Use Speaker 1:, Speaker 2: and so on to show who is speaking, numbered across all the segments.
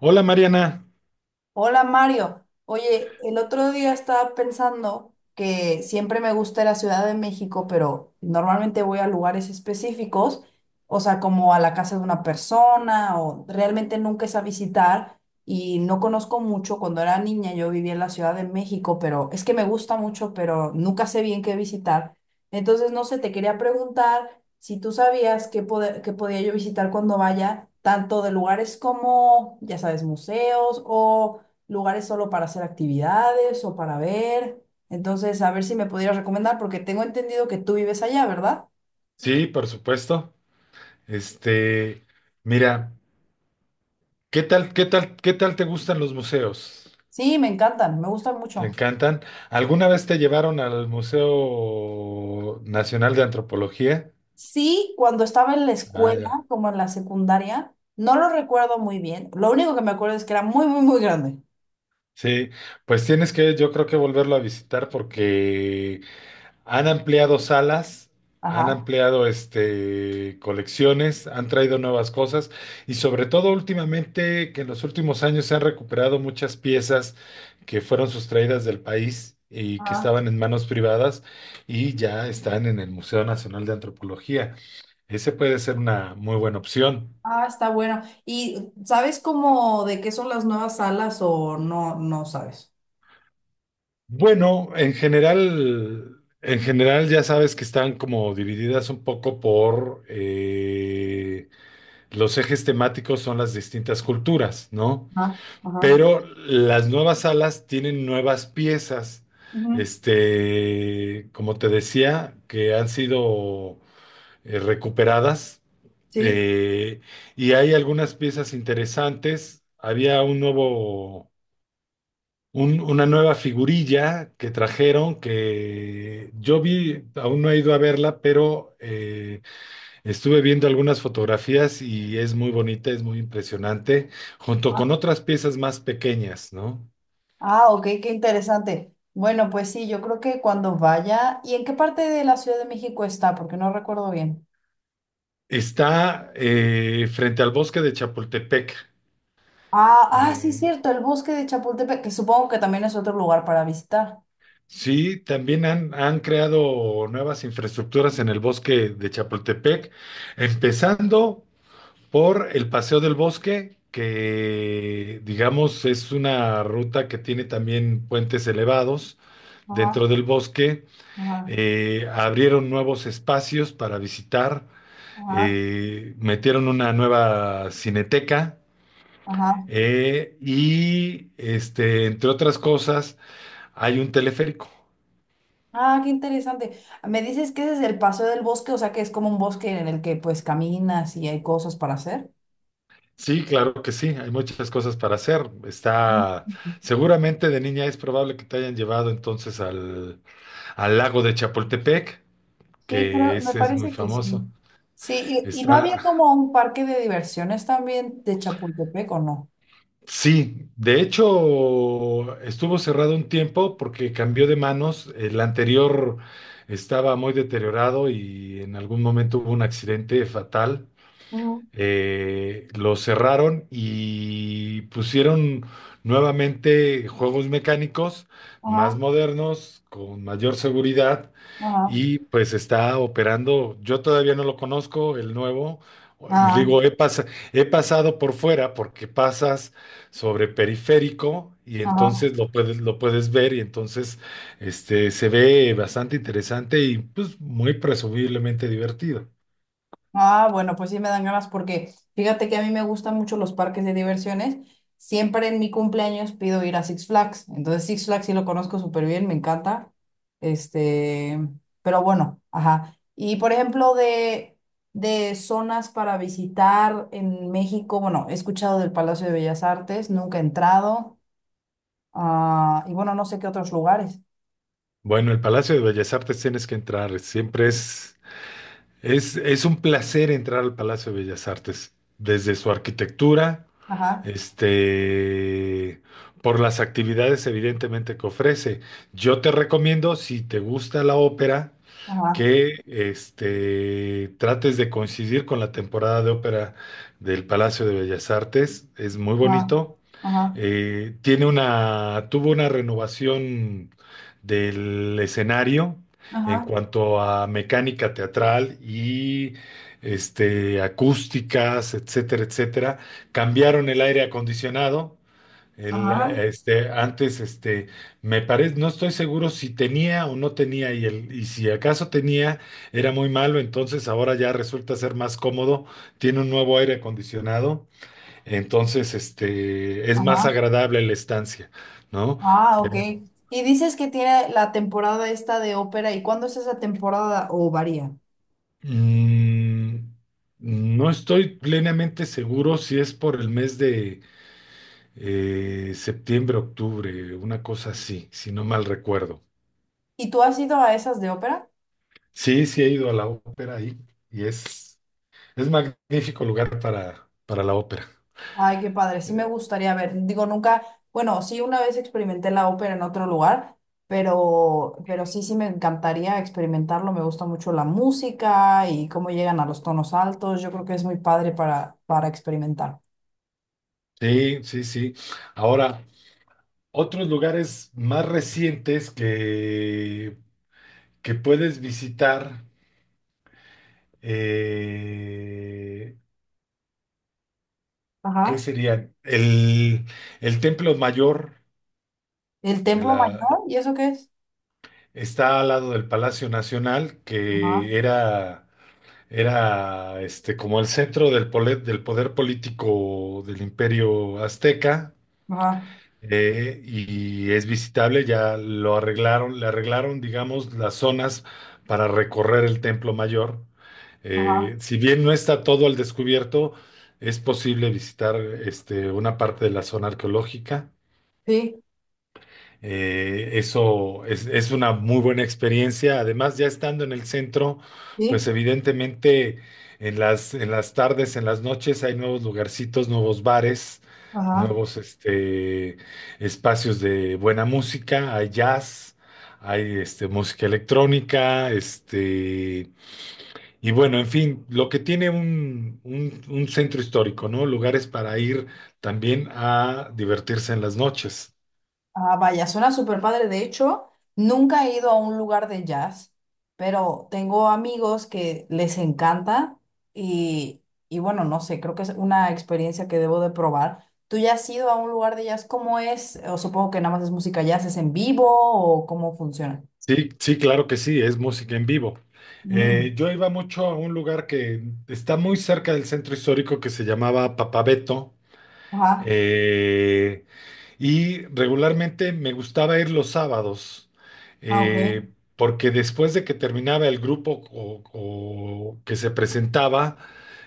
Speaker 1: Hola Mariana.
Speaker 2: Hola Mario, oye, el otro día estaba pensando que siempre me gusta la Ciudad de México, pero normalmente voy a lugares específicos, o sea, como a la casa de una persona o realmente nunca es a visitar y no conozco mucho. Cuando era niña yo vivía en la Ciudad de México, pero es que me gusta mucho, pero nunca sé bien qué visitar. Entonces, no sé, te quería preguntar si tú sabías qué podía yo visitar cuando vaya, tanto de lugares como, ya sabes, museos o lugares solo para hacer actividades o para ver. Entonces, a ver si me pudieras recomendar, porque tengo entendido que tú vives allá, ¿verdad?
Speaker 1: Sí, por supuesto. Este, mira, ¿ qué tal te gustan los museos?
Speaker 2: Sí, me encantan, me gustan
Speaker 1: ¿Te
Speaker 2: mucho.
Speaker 1: encantan? ¿Alguna vez te llevaron al Museo Nacional de Antropología?
Speaker 2: Sí, cuando estaba en la
Speaker 1: Ah,
Speaker 2: escuela,
Speaker 1: ya.
Speaker 2: como en la secundaria, no lo recuerdo muy bien. Lo único que me acuerdo es que era muy, muy, muy grande.
Speaker 1: Sí, pues tienes que, yo creo que volverlo a visitar porque han ampliado salas, han
Speaker 2: Ajá.
Speaker 1: ampliado colecciones, han traído nuevas cosas y sobre todo últimamente que en los últimos años se han recuperado muchas piezas que fueron sustraídas del país y que
Speaker 2: Ah,
Speaker 1: estaban en manos privadas y ya están en el Museo Nacional de Antropología. Ese puede ser una muy buena opción.
Speaker 2: ah, está bueno. ¿Y sabes cómo de qué son las nuevas salas o no, no sabes?
Speaker 1: Bueno, en general ya sabes que están como divididas un poco por los ejes temáticos son las distintas culturas, ¿no?
Speaker 2: Ajá, ajá.
Speaker 1: Pero las nuevas salas tienen nuevas piezas,
Speaker 2: Ujú.
Speaker 1: como te decía, que han sido recuperadas
Speaker 2: Sí.
Speaker 1: eh, y hay algunas piezas interesantes. Había una nueva figurilla que trajeron que yo vi, aún no he ido a verla, pero estuve viendo algunas fotografías y es muy bonita, es muy impresionante, junto con otras piezas más pequeñas, ¿no?
Speaker 2: Ah, ok, qué interesante. Bueno, pues sí, yo creo que cuando vaya, ¿y en qué parte de la Ciudad de México está? Porque no recuerdo bien.
Speaker 1: Está frente al bosque de Chapultepec.
Speaker 2: Ah, ah, sí,
Speaker 1: en-
Speaker 2: cierto, el bosque de Chapultepec, que supongo que también es otro lugar para visitar.
Speaker 1: sí, también han creado nuevas infraestructuras en el bosque de Chapultepec, empezando por el Paseo del Bosque, que digamos es una ruta que tiene también puentes elevados
Speaker 2: Ajá,
Speaker 1: dentro del bosque.
Speaker 2: ajá,
Speaker 1: Abrieron nuevos espacios para visitar,
Speaker 2: ajá,
Speaker 1: metieron una nueva cineteca,
Speaker 2: ajá.
Speaker 1: y, entre otras cosas, hay un teleférico.
Speaker 2: Ah, qué interesante. Me dices que ese es el paseo del bosque, o sea que es como un bosque en el que pues caminas y hay cosas para hacer.
Speaker 1: Sí, claro que sí, hay muchas cosas para hacer.
Speaker 2: Mm.
Speaker 1: Está, seguramente de niña es probable que te hayan llevado entonces al, al lago de Chapultepec,
Speaker 2: Sí,
Speaker 1: que
Speaker 2: creo, me
Speaker 1: ese es muy
Speaker 2: parece que sí.
Speaker 1: famoso.
Speaker 2: Sí, y no había
Speaker 1: Está,
Speaker 2: como un parque de diversiones también de Chapultepec, ¿o
Speaker 1: sí, de hecho estuvo cerrado un tiempo porque cambió de manos. El anterior estaba muy deteriorado y en algún momento hubo un accidente fatal.
Speaker 2: no?
Speaker 1: Lo cerraron y pusieron nuevamente juegos mecánicos más
Speaker 2: Ajá,
Speaker 1: modernos, con mayor seguridad,
Speaker 2: ajá,
Speaker 1: y pues está operando, yo todavía no lo conozco, el nuevo,
Speaker 2: ajá,
Speaker 1: digo, he pasado por fuera porque pasas sobre periférico y
Speaker 2: ajá.
Speaker 1: entonces lo puedes ver, y entonces se ve bastante interesante y pues muy presumiblemente divertido.
Speaker 2: Ah, bueno, pues sí me dan ganas porque fíjate que a mí me gustan mucho los parques de diversiones. Siempre en mi cumpleaños pido ir a Six Flags. Entonces Six Flags sí lo conozco súper bien, me encanta. Este, pero bueno, ajá. Y por ejemplo, de zonas para visitar en México, bueno, he escuchado del Palacio de Bellas Artes, nunca he entrado. Ah, y bueno, no sé qué otros lugares.
Speaker 1: Bueno, el Palacio de Bellas Artes tienes que entrar, siempre es un placer entrar al Palacio de Bellas Artes, desde su arquitectura.
Speaker 2: Ajá,
Speaker 1: este, por las actividades evidentemente que ofrece. Yo te recomiendo, si te gusta la ópera,
Speaker 2: ajá,
Speaker 1: que trates de coincidir con la temporada de ópera del Palacio de Bellas Artes. Es muy
Speaker 2: ajá,
Speaker 1: bonito.
Speaker 2: ajá,
Speaker 1: Tiene una, tuvo una renovación del escenario en
Speaker 2: ajá.
Speaker 1: cuanto a mecánica teatral y acústicas, etcétera, etcétera. Cambiaron el aire acondicionado.
Speaker 2: Ajá,
Speaker 1: Antes, me parece, no estoy seguro si tenía o no tenía, y, el, y si acaso tenía, era muy malo, entonces ahora ya resulta ser más cómodo. Tiene un nuevo aire acondicionado, entonces, es más
Speaker 2: ajá.
Speaker 1: agradable la estancia, ¿no?
Speaker 2: Ah, ok. Y dices que tiene la temporada esta de ópera, ¿y cuándo es esa temporada o varía?
Speaker 1: Mm, no estoy plenamente seguro si es por el mes de septiembre, octubre, una cosa así, si no mal recuerdo.
Speaker 2: ¿Y tú has ido a esas de ópera?
Speaker 1: Sí, sí he ido a la ópera ahí y es magnífico lugar para la ópera.
Speaker 2: Ay, qué padre, sí me gustaría ver. Digo, nunca, bueno, sí una vez experimenté la ópera en otro lugar, pero sí, sí me encantaría experimentarlo. Me gusta mucho la música y cómo llegan a los tonos altos. Yo creo que es muy padre para experimentar.
Speaker 1: Sí, sí, sí. Ahora, otros lugares más recientes que puedes visitar, eh, ¿qué
Speaker 2: Ajá.
Speaker 1: sería? El templo mayor
Speaker 2: ¿El
Speaker 1: de
Speaker 2: templo
Speaker 1: la,
Speaker 2: mayor? ¿Y eso qué es?
Speaker 1: está al lado del Palacio Nacional,
Speaker 2: Ajá,
Speaker 1: que era, era como el centro del poder político del Imperio Azteca.
Speaker 2: ajá,
Speaker 1: Y es visitable, ya lo arreglaron, le arreglaron, digamos, las zonas para recorrer el templo mayor.
Speaker 2: ajá.
Speaker 1: Si bien no está todo al descubierto, es posible visitar una parte de la zona arqueológica.
Speaker 2: Sí,
Speaker 1: Eso es una muy buena experiencia. Además, ya estando en el centro, pues
Speaker 2: sí,
Speaker 1: evidentemente en las tardes, en las noches hay nuevos lugarcitos, nuevos bares,
Speaker 2: ajá.
Speaker 1: nuevos espacios de buena música, hay jazz, hay música electrónica, y bueno, en fin, lo que tiene un, un centro histórico, ¿no? Lugares para ir también a divertirse en las noches.
Speaker 2: Ah, vaya, suena súper padre. De hecho, nunca he ido a un lugar de jazz, pero tengo amigos que les encanta y, y bueno, no sé, creo que es una experiencia que debo de probar. ¿Tú ya has ido a un lugar de jazz? ¿Cómo es? O supongo que nada más es música jazz, ¿es en vivo o cómo funciona?
Speaker 1: Sí, sí, claro que sí, es música en vivo.
Speaker 2: Mm,
Speaker 1: Yo iba mucho a un lugar que está muy cerca del centro histórico que se llamaba Papabeto,
Speaker 2: ajá,
Speaker 1: eh, y regularmente me gustaba ir los sábados,
Speaker 2: ah, ok,
Speaker 1: eh, porque después de que terminaba el grupo o que se presentaba,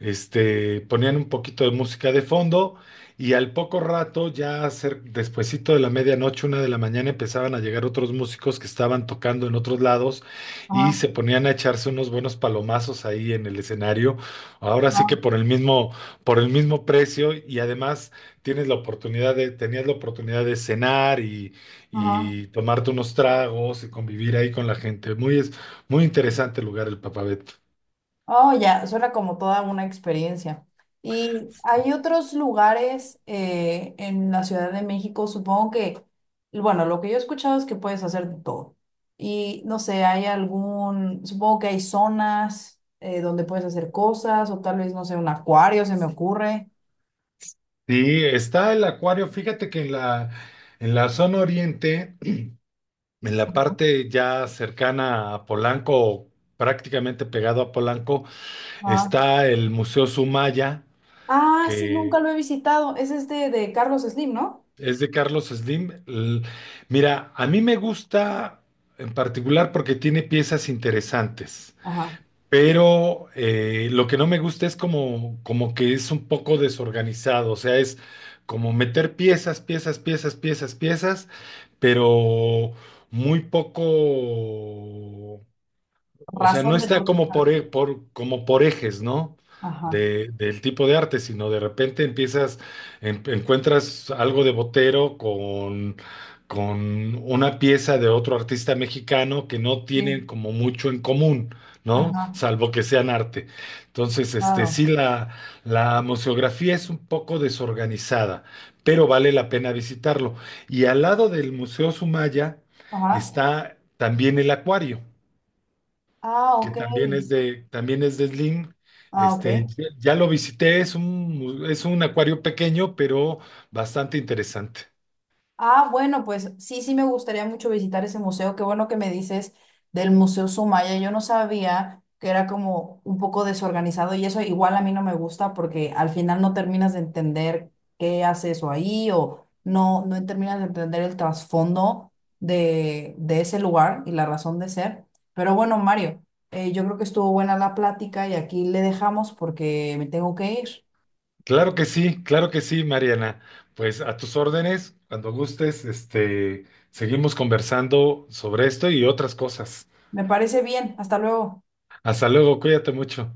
Speaker 1: ponían un poquito de música de fondo y al poco rato, ya despuesito de la medianoche, una de la mañana, empezaban a llegar otros músicos que estaban tocando en otros lados y
Speaker 2: ajá,
Speaker 1: se ponían a echarse unos buenos palomazos ahí en el escenario. Ahora sí que
Speaker 2: ajá,
Speaker 1: por el mismo precio, y además tienes la oportunidad de, tenías la oportunidad de cenar
Speaker 2: ajá.
Speaker 1: y tomarte unos tragos y convivir ahí con la gente. Muy interesante el lugar, el Papavet.
Speaker 2: Oh, ya, suena como toda una experiencia. ¿Y hay otros lugares en la Ciudad de México? Supongo que, bueno, lo que yo he escuchado es que puedes hacer de todo. Y no sé, hay algún, supongo que hay zonas donde puedes hacer cosas o tal vez, no sé, un acuario, se me ocurre.
Speaker 1: Sí, está el acuario. Fíjate que en la zona oriente, en la parte ya cercana a Polanco, o prácticamente pegado a Polanco,
Speaker 2: Ah.
Speaker 1: está el Museo Sumaya,
Speaker 2: Ah, sí, nunca
Speaker 1: que
Speaker 2: lo he visitado. Es este de Carlos Slim, ¿no?
Speaker 1: es de Carlos Slim. Mira, a mí me gusta en particular porque tiene piezas interesantes.
Speaker 2: Ajá.
Speaker 1: Pero lo que no me gusta es como que es un poco desorganizado, o sea, es como meter piezas, piezas, piezas, piezas, piezas, pero muy poco, o sea, no
Speaker 2: Razón de
Speaker 1: está
Speaker 2: por qué
Speaker 1: como
Speaker 2: está.
Speaker 1: como por ejes, ¿no?
Speaker 2: Ajá.
Speaker 1: Del tipo de arte, sino de repente empiezas, encuentras algo de Botero con una pieza de otro artista mexicano que no tienen
Speaker 2: Sí.
Speaker 1: como mucho en común, ¿no?
Speaker 2: Ajá.
Speaker 1: Salvo que sean arte. Entonces, sí,
Speaker 2: Claro.
Speaker 1: la museografía es un poco desorganizada, pero vale la pena visitarlo. Y al lado del Museo Sumaya
Speaker 2: Ajá.
Speaker 1: está también el acuario,
Speaker 2: Ah,
Speaker 1: que
Speaker 2: ok.
Speaker 1: también es de Slim.
Speaker 2: Ah, ok.
Speaker 1: Ya lo visité, es un, es un acuario pequeño, pero bastante interesante.
Speaker 2: Ah, bueno, pues sí, sí me gustaría mucho visitar ese museo. Qué bueno que me dices del Museo Sumaya. Yo no sabía que era como un poco desorganizado y eso igual a mí no me gusta porque al final no terminas de entender qué hace eso ahí o no, no terminas de entender el trasfondo de ese lugar y la razón de ser. Pero bueno, Mario, yo creo que estuvo buena la plática y aquí le dejamos porque me tengo que ir.
Speaker 1: Claro que sí, Mariana. Pues a tus órdenes, cuando gustes, seguimos conversando sobre esto y otras cosas.
Speaker 2: Me parece bien. Hasta luego.
Speaker 1: Hasta luego, cuídate mucho.